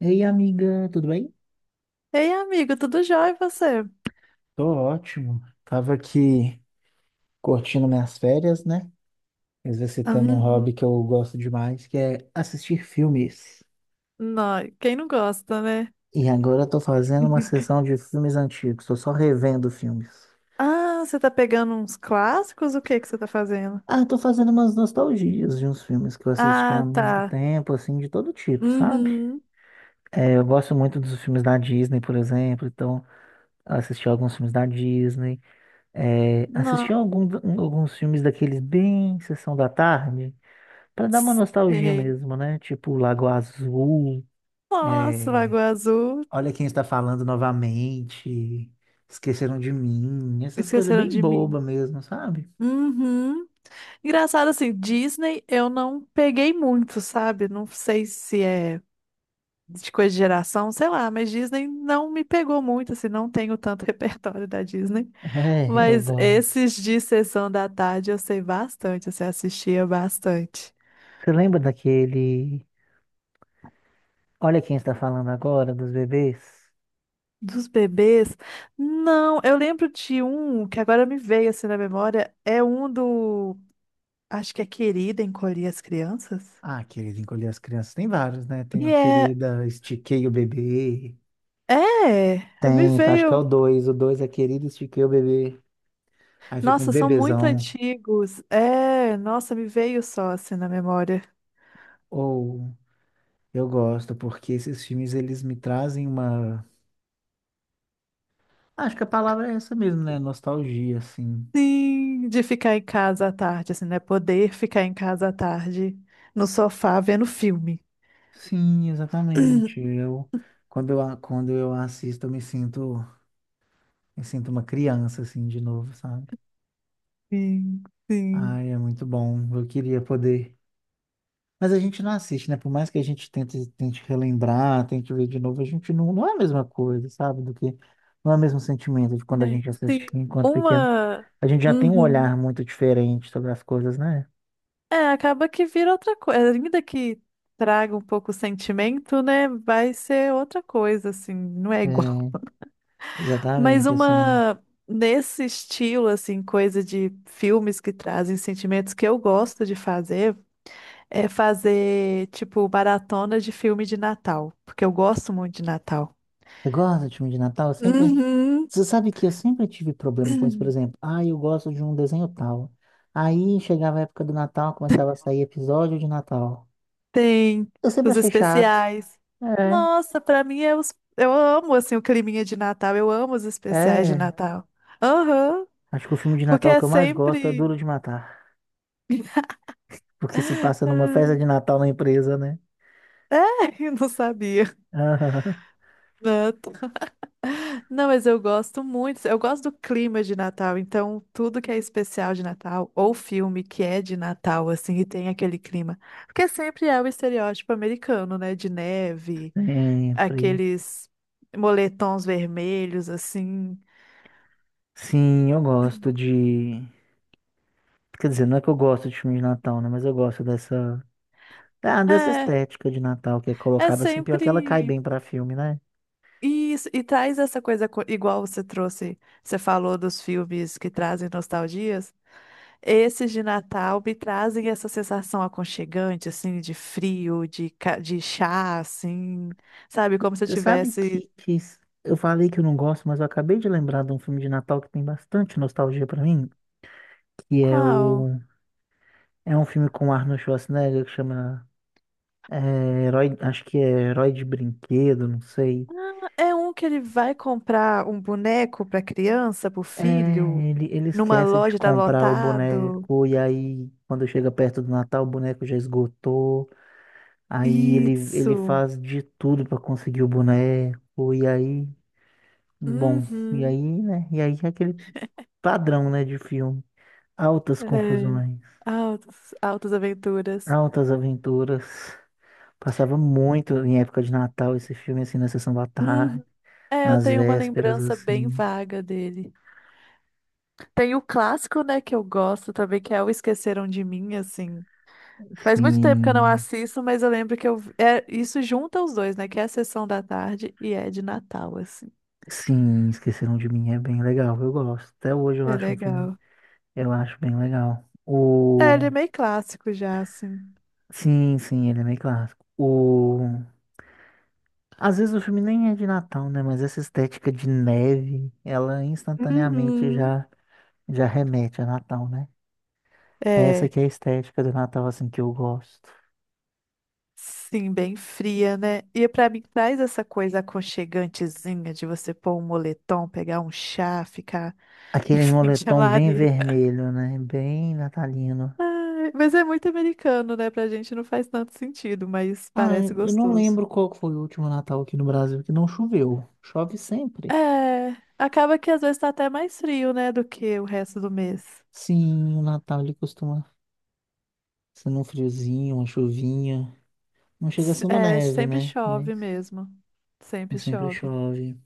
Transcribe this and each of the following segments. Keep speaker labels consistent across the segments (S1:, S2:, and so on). S1: Ei, amiga, tudo bem?
S2: Ei, amigo, tudo jóia e você?
S1: Tô ótimo. Tava aqui curtindo minhas férias, né? Exercitando um
S2: Hum,
S1: hobby que eu gosto demais, que é assistir filmes.
S2: Quem não gosta, né?
S1: E agora eu tô fazendo uma sessão de filmes antigos, tô só revendo filmes.
S2: Ah, você tá pegando uns clássicos? O que que você tá fazendo?
S1: Ah, tô fazendo umas nostalgias de uns filmes que eu assisti há
S2: Ah,
S1: muito
S2: tá.
S1: tempo, assim, de todo tipo, sabe?
S2: Uhum.
S1: É, eu gosto muito dos filmes da Disney, por exemplo, então eu assisti alguns filmes da Disney, é, assisti
S2: Nossa.
S1: algum- alguns filmes daqueles bem Sessão da Tarde. Pra dar uma nostalgia mesmo, né? Tipo Lago Azul,
S2: Nossa,
S1: é,
S2: Lagoa Azul.
S1: Olha Quem Está Falando Novamente, Esqueceram de Mim, essas coisas
S2: Esqueceram
S1: bem
S2: de Mim.
S1: boba mesmo, sabe?
S2: Uhum. Engraçado assim, Disney eu não peguei muito, sabe? Não sei se é de coisa de geração, sei lá, mas Disney não me pegou muito, assim, não tenho tanto repertório da Disney.
S1: É, eu
S2: Mas
S1: gosto.
S2: esses de Sessão da Tarde eu sei bastante, assim, eu assistia bastante.
S1: Você lembra daquele Olha Quem Está Falando Agora, dos bebês?
S2: Dos bebês? Não, eu lembro de um que agora me veio assim na memória, é um do, acho que é Querida Encolher as Crianças.
S1: Ah, querido, encolher as crianças. Tem vários, né? Tem
S2: E
S1: o
S2: é,
S1: Querida, Estiquei o Bebê.
S2: é, me
S1: Tem, acho que é
S2: veio,
S1: o dois. O dois é Querida, Estiquei o Bebê. Aí fica um
S2: nossa, são muito
S1: bebezão.
S2: antigos. É, nossa, me veio só assim na memória.
S1: Ou eu gosto, porque esses filmes eles me trazem uma. Acho que a palavra é essa mesmo, né? Nostalgia, assim.
S2: Sim, de ficar em casa à tarde, assim, né? Poder ficar em casa à tarde, no sofá vendo filme.
S1: Sim, exatamente. Eu, quando eu, a- Quando eu assisto, me sinto uma criança, assim, de novo, sabe?
S2: Sim, sim.
S1: Ai, é muito bom. Eu queria poder. Mas a gente não assiste, né? Por mais que a gente tente, tente relembrar, tente ver de novo, a gente não é a mesma coisa, sabe? Do que. Não é o mesmo sentimento de quando a
S2: Né?
S1: gente
S2: Tem
S1: assistia enquanto pequeno.
S2: uma.
S1: A gente já tem um olhar
S2: Uhum.
S1: muito diferente sobre as coisas, né?
S2: É, acaba que vira outra coisa. Ainda que traga um pouco o sentimento, né? Vai ser outra coisa, assim, não é igual.
S1: É,
S2: Mas
S1: exatamente, assim.
S2: uma. Nesse estilo, assim, coisa de filmes que trazem sentimentos que eu gosto de fazer, é fazer, tipo, maratona de filme de Natal, porque eu gosto muito de Natal.
S1: Eu gosto de filme de Natal, eu sempre.
S2: Uhum.
S1: Você sabe que eu sempre tive problema com isso, por exemplo. Ah, eu gosto de um desenho tal. Aí chegava a época do Natal, começava a sair episódio de Natal.
S2: Tem
S1: Eu sempre
S2: os
S1: achei chato.
S2: especiais.
S1: É,
S2: Nossa, pra mim é os— eu amo assim o climinha de Natal, eu amo os especiais de
S1: é.
S2: Natal. Aham,
S1: Acho que o filme de
S2: porque
S1: Natal
S2: é
S1: que eu mais gosto é Duro
S2: sempre.
S1: de Matar. Porque se passa numa festa de Natal na empresa, né?
S2: Eu não sabia.
S1: Aham,
S2: Não, não, mas eu gosto muito. Eu gosto do clima de Natal, então tudo que é especial de Natal, ou filme que é de Natal, assim, e tem aquele clima. Porque sempre é o estereótipo americano, né? De neve,
S1: sempre.
S2: aqueles moletons vermelhos, assim.
S1: Sim, eu gosto de. Quer dizer, não é que eu gosto de filme de Natal, né? Mas eu gosto dessa. Ah, dessa
S2: É.
S1: estética de Natal que é
S2: É
S1: colocada assim, pior que ela cai
S2: sempre.
S1: bem pra filme, né?
S2: E traz essa coisa igual você trouxe, você falou dos filmes que trazem nostalgias. Esses de Natal me trazem essa sensação aconchegante, assim, de frio, de chá, assim, sabe? Como se eu
S1: Você sabe
S2: tivesse.
S1: que s- eu falei que eu não gosto, mas eu acabei de lembrar de um filme de Natal que tem bastante nostalgia pra mim, que é
S2: Qual?
S1: o é um filme com Arnold Schwarzenegger que chama é, Herói, acho que é Herói de Brinquedo, não sei.
S2: É um que ele vai comprar um boneco para criança, para o
S1: É,
S2: filho,
S1: ele
S2: numa
S1: esquece de
S2: loja tá
S1: comprar o
S2: lotado.
S1: boneco e aí quando chega perto do Natal o boneco já esgotou. Aí ele
S2: Isso.
S1: faz de tudo pra conseguir o boneco e aí bom, e aí,
S2: Uhum.
S1: né? E aí é aquele padrão, né, de filme. Altas
S2: É.
S1: confusões,
S2: Altas, altas aventuras.
S1: altas aventuras. Passava muito em época de Natal esse filme, assim, na sessão da tarde,
S2: Uhum. É, eu
S1: nas
S2: tenho uma
S1: vésperas,
S2: lembrança bem
S1: assim.
S2: vaga dele. Tem o clássico, né, que eu gosto também, que é o Esqueceram de Mim, assim. Faz muito tempo que eu não
S1: Sim,
S2: assisto, mas eu lembro que eu— é, isso junta os dois, né, que é a Sessão da Tarde e é de Natal, assim.
S1: sim, Esqueceram de Mim é bem legal, eu gosto. Até hoje eu
S2: É
S1: acho um filme,
S2: legal.
S1: eu acho bem legal.
S2: É, ele é
S1: O...
S2: meio clássico já, assim.
S1: Sim, sim, ele é meio clássico. O... Às vezes o filme nem é de Natal, né? Mas essa estética de neve, ela instantaneamente
S2: Uhum.
S1: já remete a Natal, né? É essa
S2: É,
S1: que é a estética do Natal, assim, que eu gosto.
S2: sim, bem fria, né? E pra mim traz essa coisa aconchegantezinha de você pôr um moletom, pegar um chá, ficar em
S1: Aquele
S2: frente à
S1: moletom bem
S2: lareira.
S1: vermelho, né? Bem natalino.
S2: Ai, mas é muito americano, né? Pra gente não faz tanto sentido, mas
S1: Ah,
S2: parece
S1: eu não
S2: gostoso.
S1: lembro qual que foi o último Natal aqui no Brasil que não choveu. Chove sempre.
S2: É, acaba que às vezes tá até mais frio, né, do que o resto do mês.
S1: Sim, o Natal ele costuma ser um friozinho, uma chuvinha. Não chega a ser uma
S2: É,
S1: neve,
S2: sempre
S1: né? Mas
S2: chove mesmo. Sempre
S1: mas sempre
S2: chove.
S1: chove.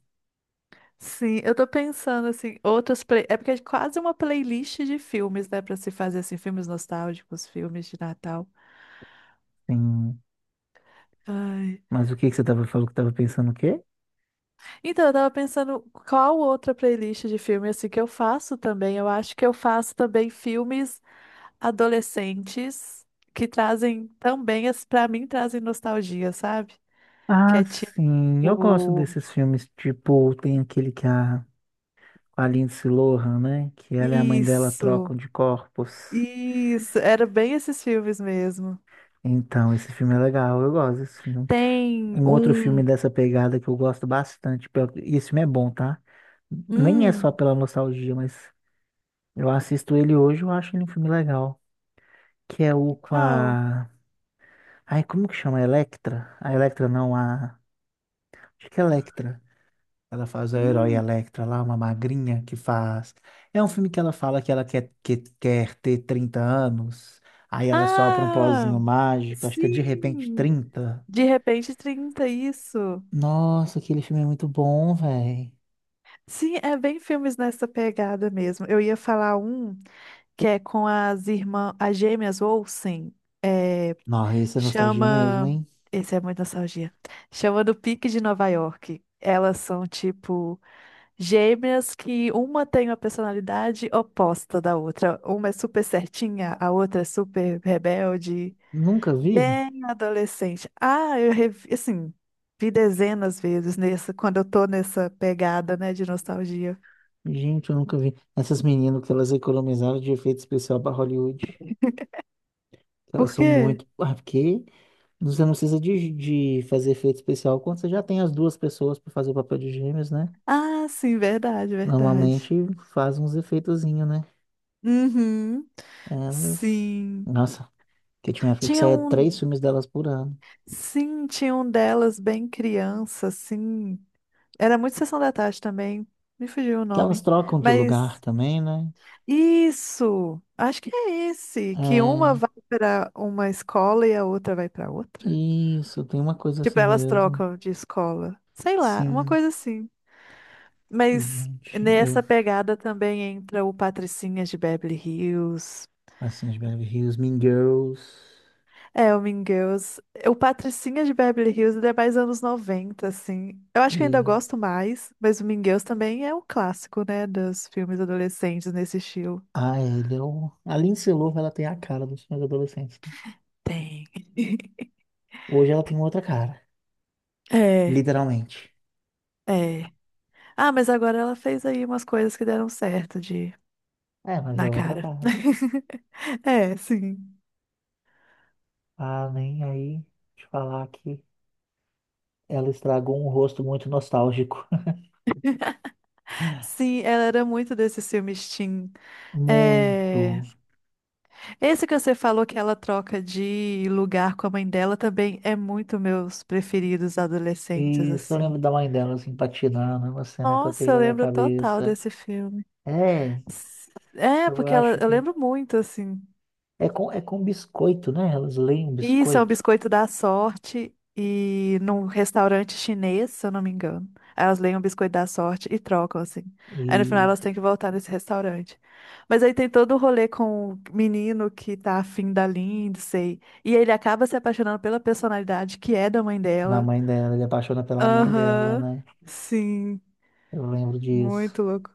S2: Sim, eu tô pensando assim, outras play— é porque é quase uma playlist de filmes, né, pra se fazer assim, filmes nostálgicos, filmes de Natal.
S1: Sim.
S2: Ai.
S1: Mas o que que você tava falando que tava pensando o quê?
S2: Então, eu tava pensando qual outra playlist de filme assim que eu faço também. Eu acho que eu faço também filmes adolescentes que trazem também, pra mim, trazem nostalgia, sabe? Que
S1: Ah,
S2: é
S1: sim. Eu gosto
S2: tipo,
S1: desses filmes, tipo, tem aquele que a com a Lindsay Lohan, né? Que ela e a mãe dela
S2: isso,
S1: trocam de corpos.
S2: isso, era bem esses filmes mesmo.
S1: Então, esse filme é legal, eu gosto desse filme.
S2: Tem
S1: Um outro filme
S2: um,
S1: dessa pegada que eu gosto bastante, pelo- e esse filme é bom, tá? Nem é só
S2: hum,
S1: pela nostalgia, mas eu assisto ele hoje, eu acho ele um filme legal. Que é o com
S2: qual?
S1: a. Ai, como que chama? Electra? A Electra não, a. Acho que é Electra. Ela faz a herói
S2: Hum,
S1: Electra lá, uma magrinha que faz. É um filme que ela fala que ela quer, quer ter 30 anos. Aí ela sopra um
S2: ah,
S1: pozinho mágico, acho que é de repente
S2: sim,
S1: 30.
S2: De Repente 30, isso.
S1: Nossa, aquele filme é muito bom, velho.
S2: Sim, é bem filmes nessa pegada mesmo. Eu ia falar um que é com as irmãs, as gêmeas Olsen. É,
S1: Nossa, isso é nostalgia mesmo,
S2: chama.
S1: hein?
S2: Esse é muito nostalgia. Chama Do Pique de Nova York. Elas são tipo gêmeas que uma tem uma personalidade oposta da outra. Uma é super certinha, a outra é super rebelde,
S1: Nunca vi?
S2: bem adolescente. Ah, eu revi, assim, vi dezenas vezes nessa, quando eu tô nessa pegada, né, de nostalgia.
S1: Gente, eu nunca vi. Essas meninas que elas economizaram de efeito especial pra Hollywood. Elas
S2: Por
S1: são
S2: quê?
S1: muito. Ah, porque você não precisa de fazer efeito especial quando você já tem as duas pessoas pra fazer o papel de gêmeos, né?
S2: Ah, sim, verdade, verdade.
S1: Normalmente faz uns efeitozinho, né?
S2: Uhum.
S1: Elas.
S2: Sim.
S1: Nossa, que tinha uma época que
S2: Tinha
S1: saía três
S2: um.
S1: filmes delas por ano.
S2: Sim, tinha um delas bem criança, assim. Era muito Sessão da Tarde também. Me fugiu o
S1: Que elas
S2: nome.
S1: trocam de lugar
S2: Mas
S1: também, né?
S2: isso! Acho que é esse, que uma
S1: É.
S2: vai para uma escola e a outra vai para outra.
S1: Isso, tem uma coisa
S2: Tipo,
S1: assim
S2: elas
S1: mesmo.
S2: trocam de escola. Sei lá, uma
S1: Sim.
S2: coisa assim.
S1: E,
S2: Mas
S1: gente, eu.
S2: nessa pegada também entra o Patricinhas de Beverly Hills.
S1: Assim, de Beverly Hills, Mean Girls.
S2: É, o Mean Girls. O Patricinha de Beverly Hills ele é mais anos 90, assim. Eu acho que eu ainda
S1: E.
S2: gosto mais, mas o Mean Girls também é um clássico, né, dos filmes adolescentes nesse estilo.
S1: Ah, ele é o. A Lindsay Lohan, ela tem a cara dos filmes adolescentes, né?
S2: Tem.
S1: Hoje ela tem outra cara.
S2: É,
S1: Literalmente.
S2: é. Ah, mas agora ela fez aí umas coisas que deram certo de
S1: É, mas é
S2: na
S1: outra
S2: cara.
S1: cara.
S2: É, sim.
S1: Ah, nem aí te falar que. Ela estragou um rosto muito nostálgico.
S2: Sim, ela era muito desses filmes teen.
S1: Muito.
S2: É, esse que você falou que ela troca de lugar com a mãe dela também é muito meus preferidos adolescentes,
S1: Isso, eu
S2: assim.
S1: lembro da mãe dela assim patinando, é uma cena que eu tenho
S2: Nossa, eu
S1: na minha
S2: lembro total
S1: cabeça.
S2: desse filme.
S1: É,
S2: É,
S1: eu
S2: porque ela,
S1: acho
S2: eu
S1: que.
S2: lembro muito, assim.
S1: É com biscoito, né? Elas leem
S2: Isso é o
S1: biscoito.
S2: biscoito da sorte e num restaurante chinês, se eu não me engano. Aí elas leem o biscoito da sorte e trocam, assim. Aí no final
S1: E
S2: elas têm que voltar nesse restaurante. Mas aí tem todo o rolê com o menino que tá afim da Lindsay. E ele acaba se apaixonando pela personalidade que é da mãe
S1: na
S2: dela.
S1: mãe dela, ele apaixona pela mãe dela,
S2: Aham,
S1: né?
S2: sim,
S1: Eu lembro disso.
S2: muito louco.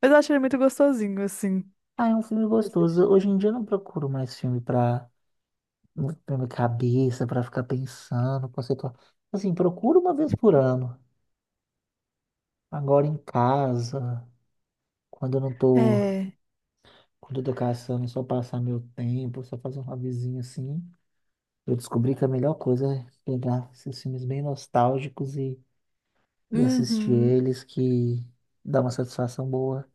S2: Mas eu achei ele muito gostosinho, assim.
S1: Ah, é um filme
S2: De
S1: gostoso.
S2: assistir.
S1: Hoje em dia eu não procuro mais filme pra minha cabeça, pra ficar pensando, conceituar. Assim, procuro uma vez por ano. Agora em casa, quando eu não tô
S2: É.
S1: quando eu tô caçando, e só passar meu tempo, só fazer um hobbyzinho assim. Eu descobri que a melhor coisa é pegar esses filmes bem nostálgicos e assistir
S2: Uhum.
S1: eles, que dá uma satisfação boa,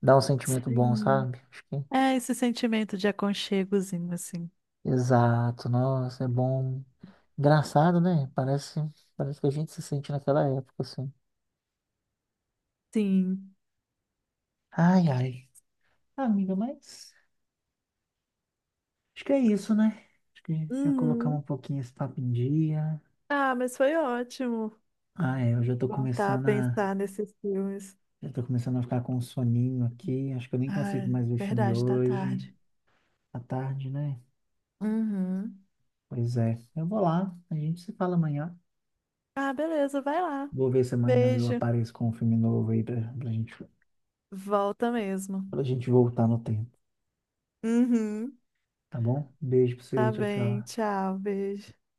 S1: dá um sentimento bom,
S2: Sim.
S1: sabe? Acho que...
S2: É esse sentimento de aconchegozinho, assim.
S1: Exato, nossa, é bom. Engraçado, né? Parece que a gente se sente naquela época, assim.
S2: Sim.
S1: Ai, ai. Ah, amiga, mas acho que é isso, né? Acho que já colocamos um
S2: Uhum.
S1: pouquinho esse papo em dia.
S2: Ah, mas foi ótimo
S1: Ah, é, eu já tô
S2: voltar a
S1: começando a
S2: pensar nesses filmes.
S1: eu tô começando a ficar com um soninho aqui. Acho que eu nem
S2: Ah,
S1: consigo mais ver filme
S2: verdade, tá
S1: hoje.
S2: tarde.
S1: À tarde, né?
S2: Uhum.
S1: Pois é. Eu vou lá. A gente se fala amanhã.
S2: Ah, beleza, vai lá.
S1: Vou ver se amanhã eu
S2: Beijo.
S1: apareço com um filme novo aí
S2: Volta mesmo.
S1: pra gente voltar no tempo.
S2: Uhum.
S1: Tá bom? Beijo pra você.
S2: Tá
S1: Tchau,
S2: bem,
S1: tchau.
S2: tchau, beijo.